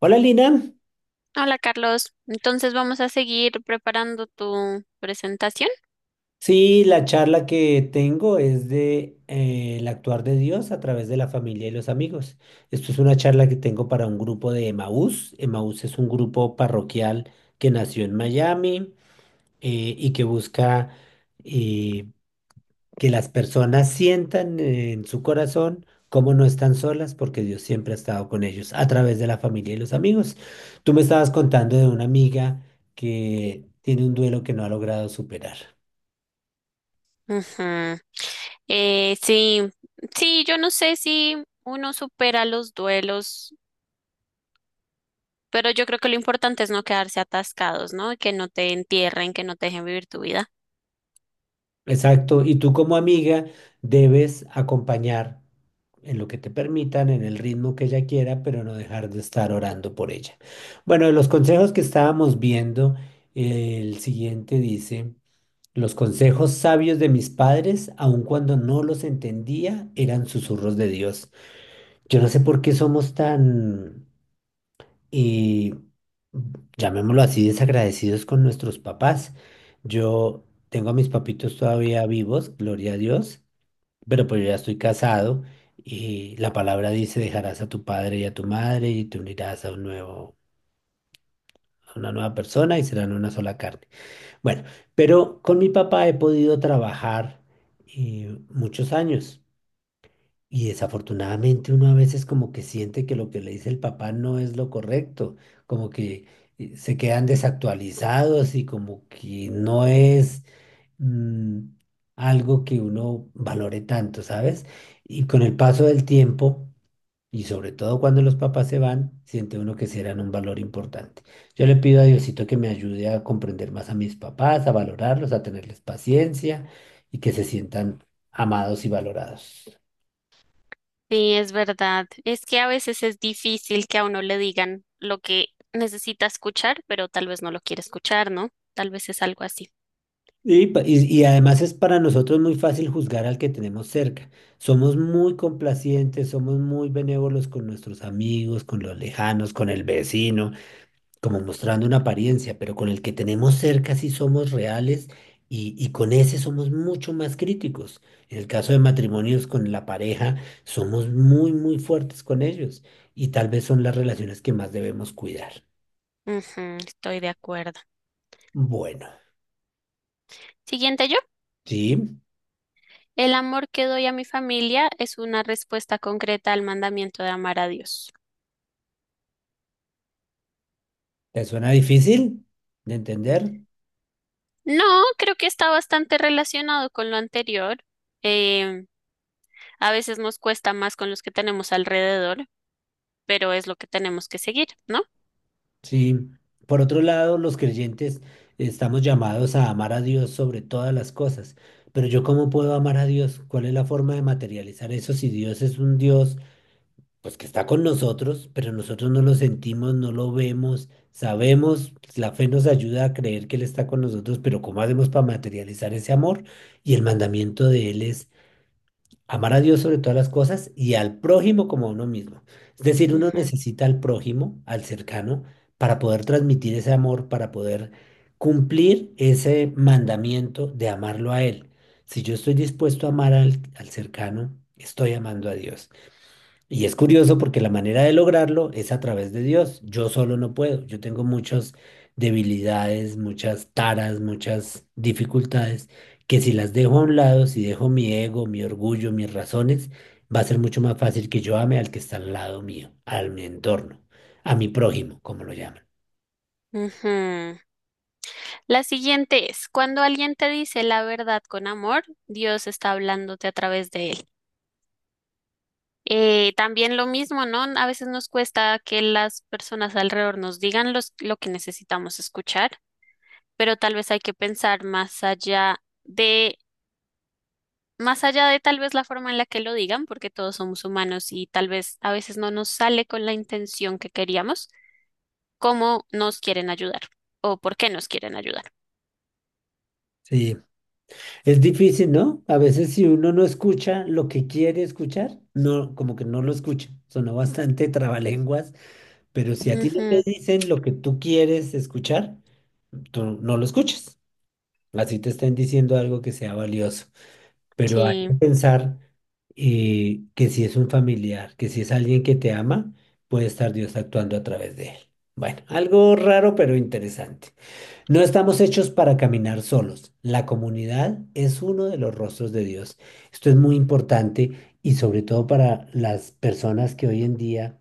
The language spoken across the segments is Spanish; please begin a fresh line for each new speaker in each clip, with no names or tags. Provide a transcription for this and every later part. Hola Lina,
Hola Carlos, entonces vamos a seguir preparando tu presentación.
sí, la charla que tengo es de el actuar de Dios a través de la familia y los amigos. Esto es una charla que tengo para un grupo de Emaús. Emaús es un grupo parroquial que nació en Miami y que busca eh, que las personas sientan en su corazón cómo no están solas porque Dios siempre ha estado con ellos a través de la familia y los amigos. Tú me estabas contando de una amiga que tiene un duelo que no ha logrado superar.
Ujú. Sí, sí, yo no sé si uno supera los duelos, pero yo creo que lo importante es no quedarse atascados, ¿no? Que no te entierren, que no te dejen vivir tu vida.
Exacto, y tú como amiga debes acompañar en lo que te permitan, en el ritmo que ella quiera, pero no dejar de estar orando por ella. Bueno, de los consejos que estábamos viendo, el siguiente dice, los consejos sabios de mis padres, aun cuando no los entendía, eran susurros de Dios. Yo no sé por qué somos tan y llamémoslo así, desagradecidos con nuestros papás. Yo tengo a mis papitos todavía vivos, gloria a Dios, pero pues yo ya estoy casado y la palabra dice, dejarás a tu padre y a tu madre y te unirás a un nuevo, a una nueva persona y serán una sola carne. Bueno, pero con mi papá he podido trabajar muchos años. Y desafortunadamente uno a veces como que siente que lo que le dice el papá no es lo correcto, como que se quedan desactualizados y como que no es mm, algo que uno valore tanto, ¿sabes? Y con el paso del tiempo, y sobre todo cuando los papás se van, siente uno que sí eran un valor importante. Yo le pido a Diosito que me ayude a comprender más a mis papás, a valorarlos, a tenerles paciencia y que se sientan amados y valorados.
Sí, es verdad. Es que a veces es difícil que a uno le digan lo que necesita escuchar, pero tal vez no lo quiere escuchar, ¿no? Tal vez es algo así.
Y además es para nosotros muy fácil juzgar al que tenemos cerca. Somos muy complacientes, somos muy benévolos con nuestros amigos, con los lejanos, con el vecino, como mostrando una apariencia, pero con el que tenemos cerca sí somos reales y con ese somos mucho más críticos. En el caso de matrimonios con la pareja, somos muy, muy fuertes con ellos y tal vez son las relaciones que más debemos cuidar.
Ujú, estoy de acuerdo.
Bueno,
Siguiente yo.
¿sí?
El amor que doy a mi familia es una respuesta concreta al mandamiento de amar a Dios.
¿Te suena difícil de entender?
No, creo que está bastante relacionado con lo anterior. Eh, a veces nos cuesta más con los que tenemos alrededor, pero es lo que tenemos que seguir, ¿no?
Sí, por otro lado, los creyentes estamos llamados a amar a Dios sobre todas las cosas, pero ¿yo cómo puedo amar a Dios? ¿Cuál es la forma de materializar eso si Dios es un Dios pues que está con nosotros, pero nosotros no lo sentimos, no lo vemos, sabemos, la fe nos ayuda a creer que Él está con nosotros, pero ¿cómo hacemos para materializar ese amor? Y el mandamiento de Él es amar a Dios sobre todas las cosas y al prójimo como a uno mismo. Es decir, uno
Ujú,
necesita al prójimo, al cercano, para poder transmitir ese amor, para poder cumplir ese mandamiento de amarlo a él. Si yo estoy dispuesto a amar al cercano, estoy amando a Dios. Y es curioso porque la manera de lograrlo es a través de Dios. Yo solo no puedo. Yo tengo muchas debilidades, muchas taras, muchas dificultades que si las dejo a un lado, si dejo mi ego, mi orgullo, mis razones, va a ser mucho más fácil que yo ame al que está al lado mío, al mi entorno, a mi prójimo, como lo llaman.
ujú. La siguiente es, cuando alguien te dice la verdad con amor, Dios está hablándote a través de él. También lo mismo, ¿no? A veces nos cuesta que las personas alrededor nos digan los- lo que necesitamos escuchar, pero tal vez hay que pensar de, más allá de tal vez la forma en la que lo digan, porque todos somos humanos y tal vez a veces no nos sale con la intención que queríamos, cómo nos quieren ayudar o por qué nos quieren ayudar.
Sí, es difícil, ¿no? A veces si uno no escucha lo que quiere escuchar, no, como que no lo escucha. Sonó bastante trabalenguas. Pero si a ti no te
Ujú,
dicen lo que tú quieres escuchar, tú no lo escuchas. Así te están diciendo algo que sea valioso. Pero hay que
sí.
pensar que si es un familiar, que si es alguien que te ama, puede estar Dios actuando a través de él. Bueno, algo raro pero interesante. No estamos hechos para caminar solos. La comunidad es uno de los rostros de Dios. Esto es muy importante y sobre todo para las personas que hoy en día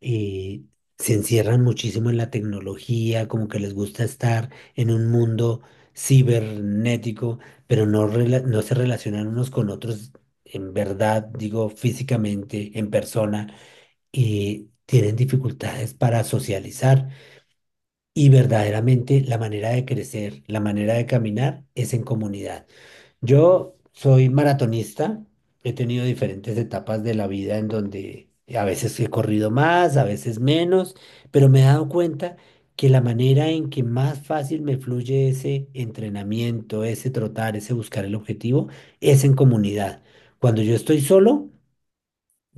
eh, se encierran muchísimo en la tecnología, como que les gusta estar en un mundo cibernético, pero no, no se relacionan unos con otros en verdad, digo, físicamente, en persona, y tienen dificultades para socializar. Y verdaderamente la manera de crecer, la manera de caminar es en comunidad. Yo soy maratonista, he tenido diferentes etapas de la vida en donde a veces he corrido más, a veces menos, pero me he dado cuenta que la manera en que más fácil me fluye ese entrenamiento, ese trotar, ese buscar el objetivo, es en comunidad. Cuando yo estoy solo,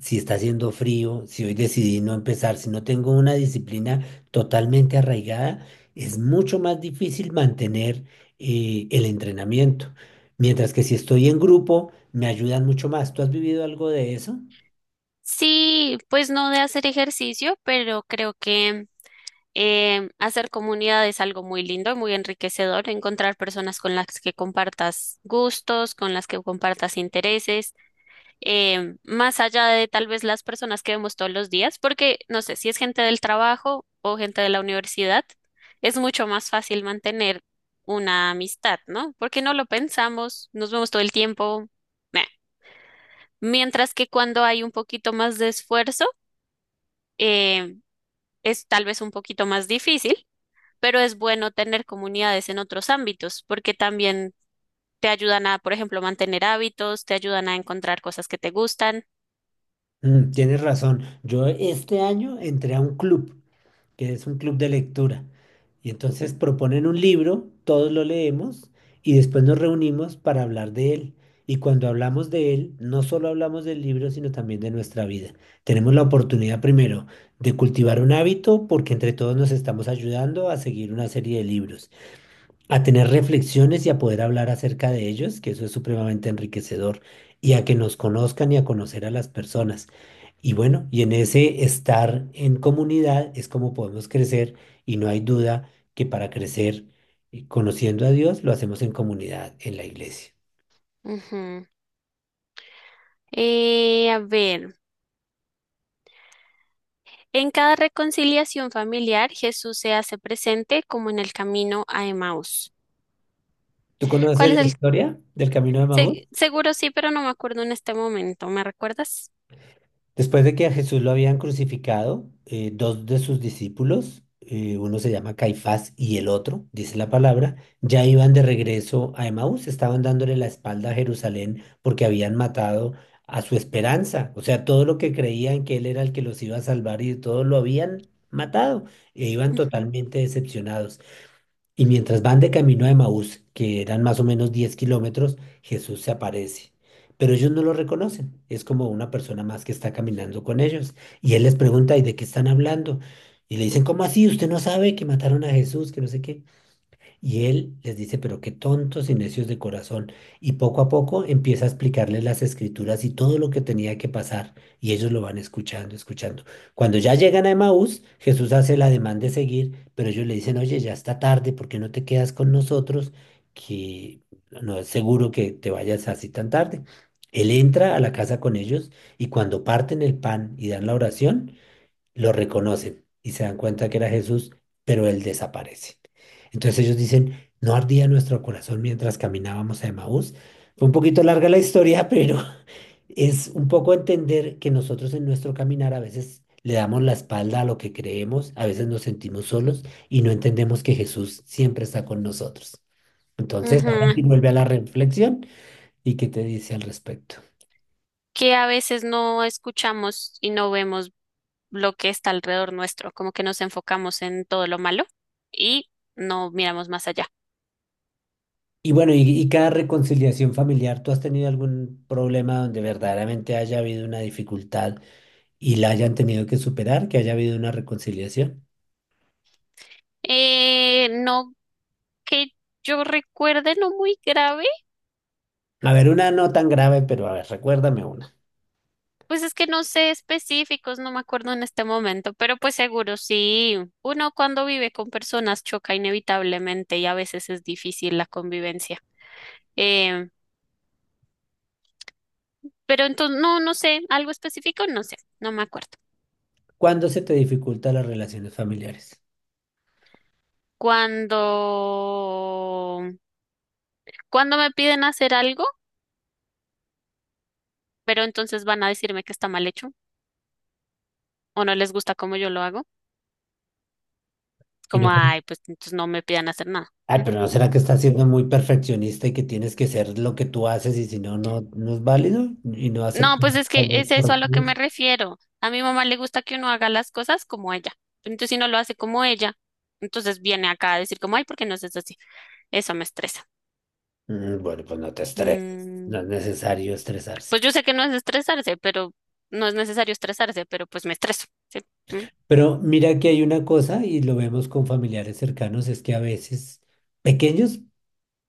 si está haciendo frío, si hoy decidí no empezar, si no tengo una disciplina totalmente arraigada, es mucho más difícil mantener el entrenamiento. Mientras que si estoy en grupo, me ayudan mucho más. ¿Tú has vivido algo de eso?
Sí, pues no de hacer ejercicio, pero creo que hacer comunidad es algo muy lindo, muy enriquecedor, encontrar personas con las que compartas gustos, con las que compartas intereses, más allá de tal vez las personas que vemos todos los días, porque no sé si es gente del trabajo o gente de la universidad, es mucho más fácil mantener una amistad, ¿no? Porque no lo pensamos, nos vemos todo el tiempo. Meh. Mientras que cuando hay un poquito más de esfuerzo, eh, es tal vez un poquito más difícil, pero es bueno tener comunidades en otros ámbitos, porque también te ayudan a, por ejemplo, mantener hábitos, te ayudan a encontrar cosas que te gustan.
Mm, tienes razón. Yo este año entré a un club. Que es un club de lectura. Y entonces proponen un libro, todos lo leemos y después nos reunimos para hablar de él. Y cuando hablamos de él, no solo hablamos del libro, sino también de nuestra vida. Tenemos la oportunidad primero de cultivar un hábito porque entre todos nos estamos ayudando a seguir una serie de libros a tener reflexiones y a poder hablar acerca de ellos, que eso es supremamente enriquecedor, y a que nos conozcan y a conocer a las personas. Y bueno, y en ese estar en comunidad es como podemos crecer y no hay duda que para crecer conociendo a Dios lo hacemos en comunidad, en la iglesia.
Ujú. A ver, en cada reconciliación familiar, Jesús se hace presente como en el camino a Emaús.
¿Tú conoces
¿Cuál es
la
el?
historia del Camino de Maús?
Se- seguro sí, pero no me acuerdo en este momento. ¿Me recuerdas?
Después de que a Jesús lo habían crucificado, dos de sus discípulos, uno se llama Caifás y el otro, dice la palabra, ya iban de regreso a Emaús, estaban dándole la espalda a Jerusalén porque habían matado a su esperanza, o sea, todo lo que creían que él era el que los iba a salvar y todo lo habían matado e iban
Ujú.
totalmente decepcionados. Y mientras van de camino a Emaús, que eran más o menos 10 kilómetros, Jesús se aparece. Pero ellos no lo reconocen. Es como una persona más que está caminando con ellos. Y él les pregunta, ¿y de qué están hablando? Y le dicen, ¿cómo así? ¿Usted no sabe que mataron a Jesús? Que no sé qué. Y él les dice, pero qué tontos y necios de corazón. Y poco a poco empieza a explicarles las escrituras y todo lo que tenía que pasar. Y ellos lo van escuchando, escuchando. Cuando ya llegan a Emaús, Jesús hace el ademán de seguir, pero ellos le dicen, oye, ya está tarde, ¿por qué no te quedas con nosotros? Que no es seguro que te vayas así tan tarde. Él entra a la casa con ellos y cuando parten el pan y dan la oración, lo reconocen y se dan cuenta que era Jesús, pero él desaparece. Entonces ellos dicen, no ardía nuestro corazón mientras caminábamos a Emaús. Fue un poquito larga la historia, pero es un poco entender que nosotros en nuestro caminar a veces le damos la espalda a lo que creemos, a veces nos sentimos solos y no entendemos que Jesús siempre está con nosotros. Entonces, ahora sí
Ujú,
vuelve a la reflexión y qué te dice al respecto.
que a veces no escuchamos y no vemos lo que está alrededor nuestro, como que nos enfocamos en todo lo malo y no miramos más allá.
Y bueno, y cada reconciliación familiar, ¿tú has tenido algún problema donde verdaderamente haya habido una dificultad y la hayan tenido que superar, que haya habido una reconciliación?
No que yo recuerde, no muy grave,
A ver, una no tan grave, pero a ver, recuérdame una.
pues es que no sé específicos, no me acuerdo en este momento, pero pues seguro sí, uno cuando vive con personas choca inevitablemente y a veces es difícil la convivencia. Eh, pero entonces, no, no sé, algo específico, no sé, no me acuerdo.
¿Cuándo se te dificultan las relaciones familiares?
Cuando, Cuando me piden hacer algo, pero entonces van a decirme que está mal hecho o no les gusta como yo lo hago,
Y no-
como, ay, pues entonces no me pidan hacer nada.
Ay,
¿Mm?
pero ¿no será que estás siendo muy perfeccionista y que tienes que ser lo que tú haces y si no, no, no es válido y no
No,
aceptas
pues es que
algo
es eso a lo que
correctivo?
me refiero. A mi mamá le gusta que uno haga las cosas como ella. Pero entonces, si no lo hace como ella, entonces viene acá a decir como, ay, ¿por qué no haces así? Eso me estresa.
Mm, bueno, pues no te estreses,
Mm,
no es necesario estresarse.
pues yo sé que no es estresarse, pero no es necesario estresarse, pero pues me estreso. ¿Sí? Mm,
Pero mira que hay una cosa, y lo vemos con familiares cercanos, es que a veces pequeños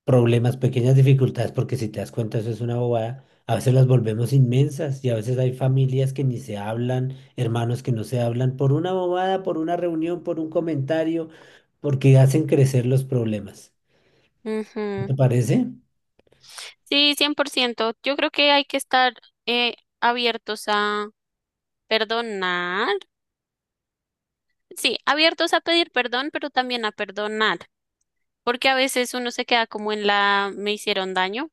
problemas, pequeñas dificultades, porque si te das cuenta eso es una bobada, a veces las volvemos inmensas y a veces hay familias que ni se hablan, hermanos que no se hablan por una bobada, por una reunión, por un comentario, porque hacen crecer los problemas. ¿No
ujú.
te parece?
Sí, 100%. Yo creo que hay que estar eh, abiertos a perdonar. Sí, abiertos a pedir perdón, pero también a perdonar, porque a veces uno se queda como en la me hicieron daño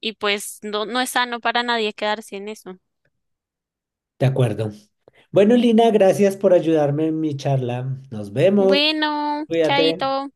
y pues no, no es sano para nadie quedarse en eso.
De acuerdo. Bueno, Lina, gracias por ayudarme en mi charla. Nos vemos.
Bueno,
Cuídate.
chaito.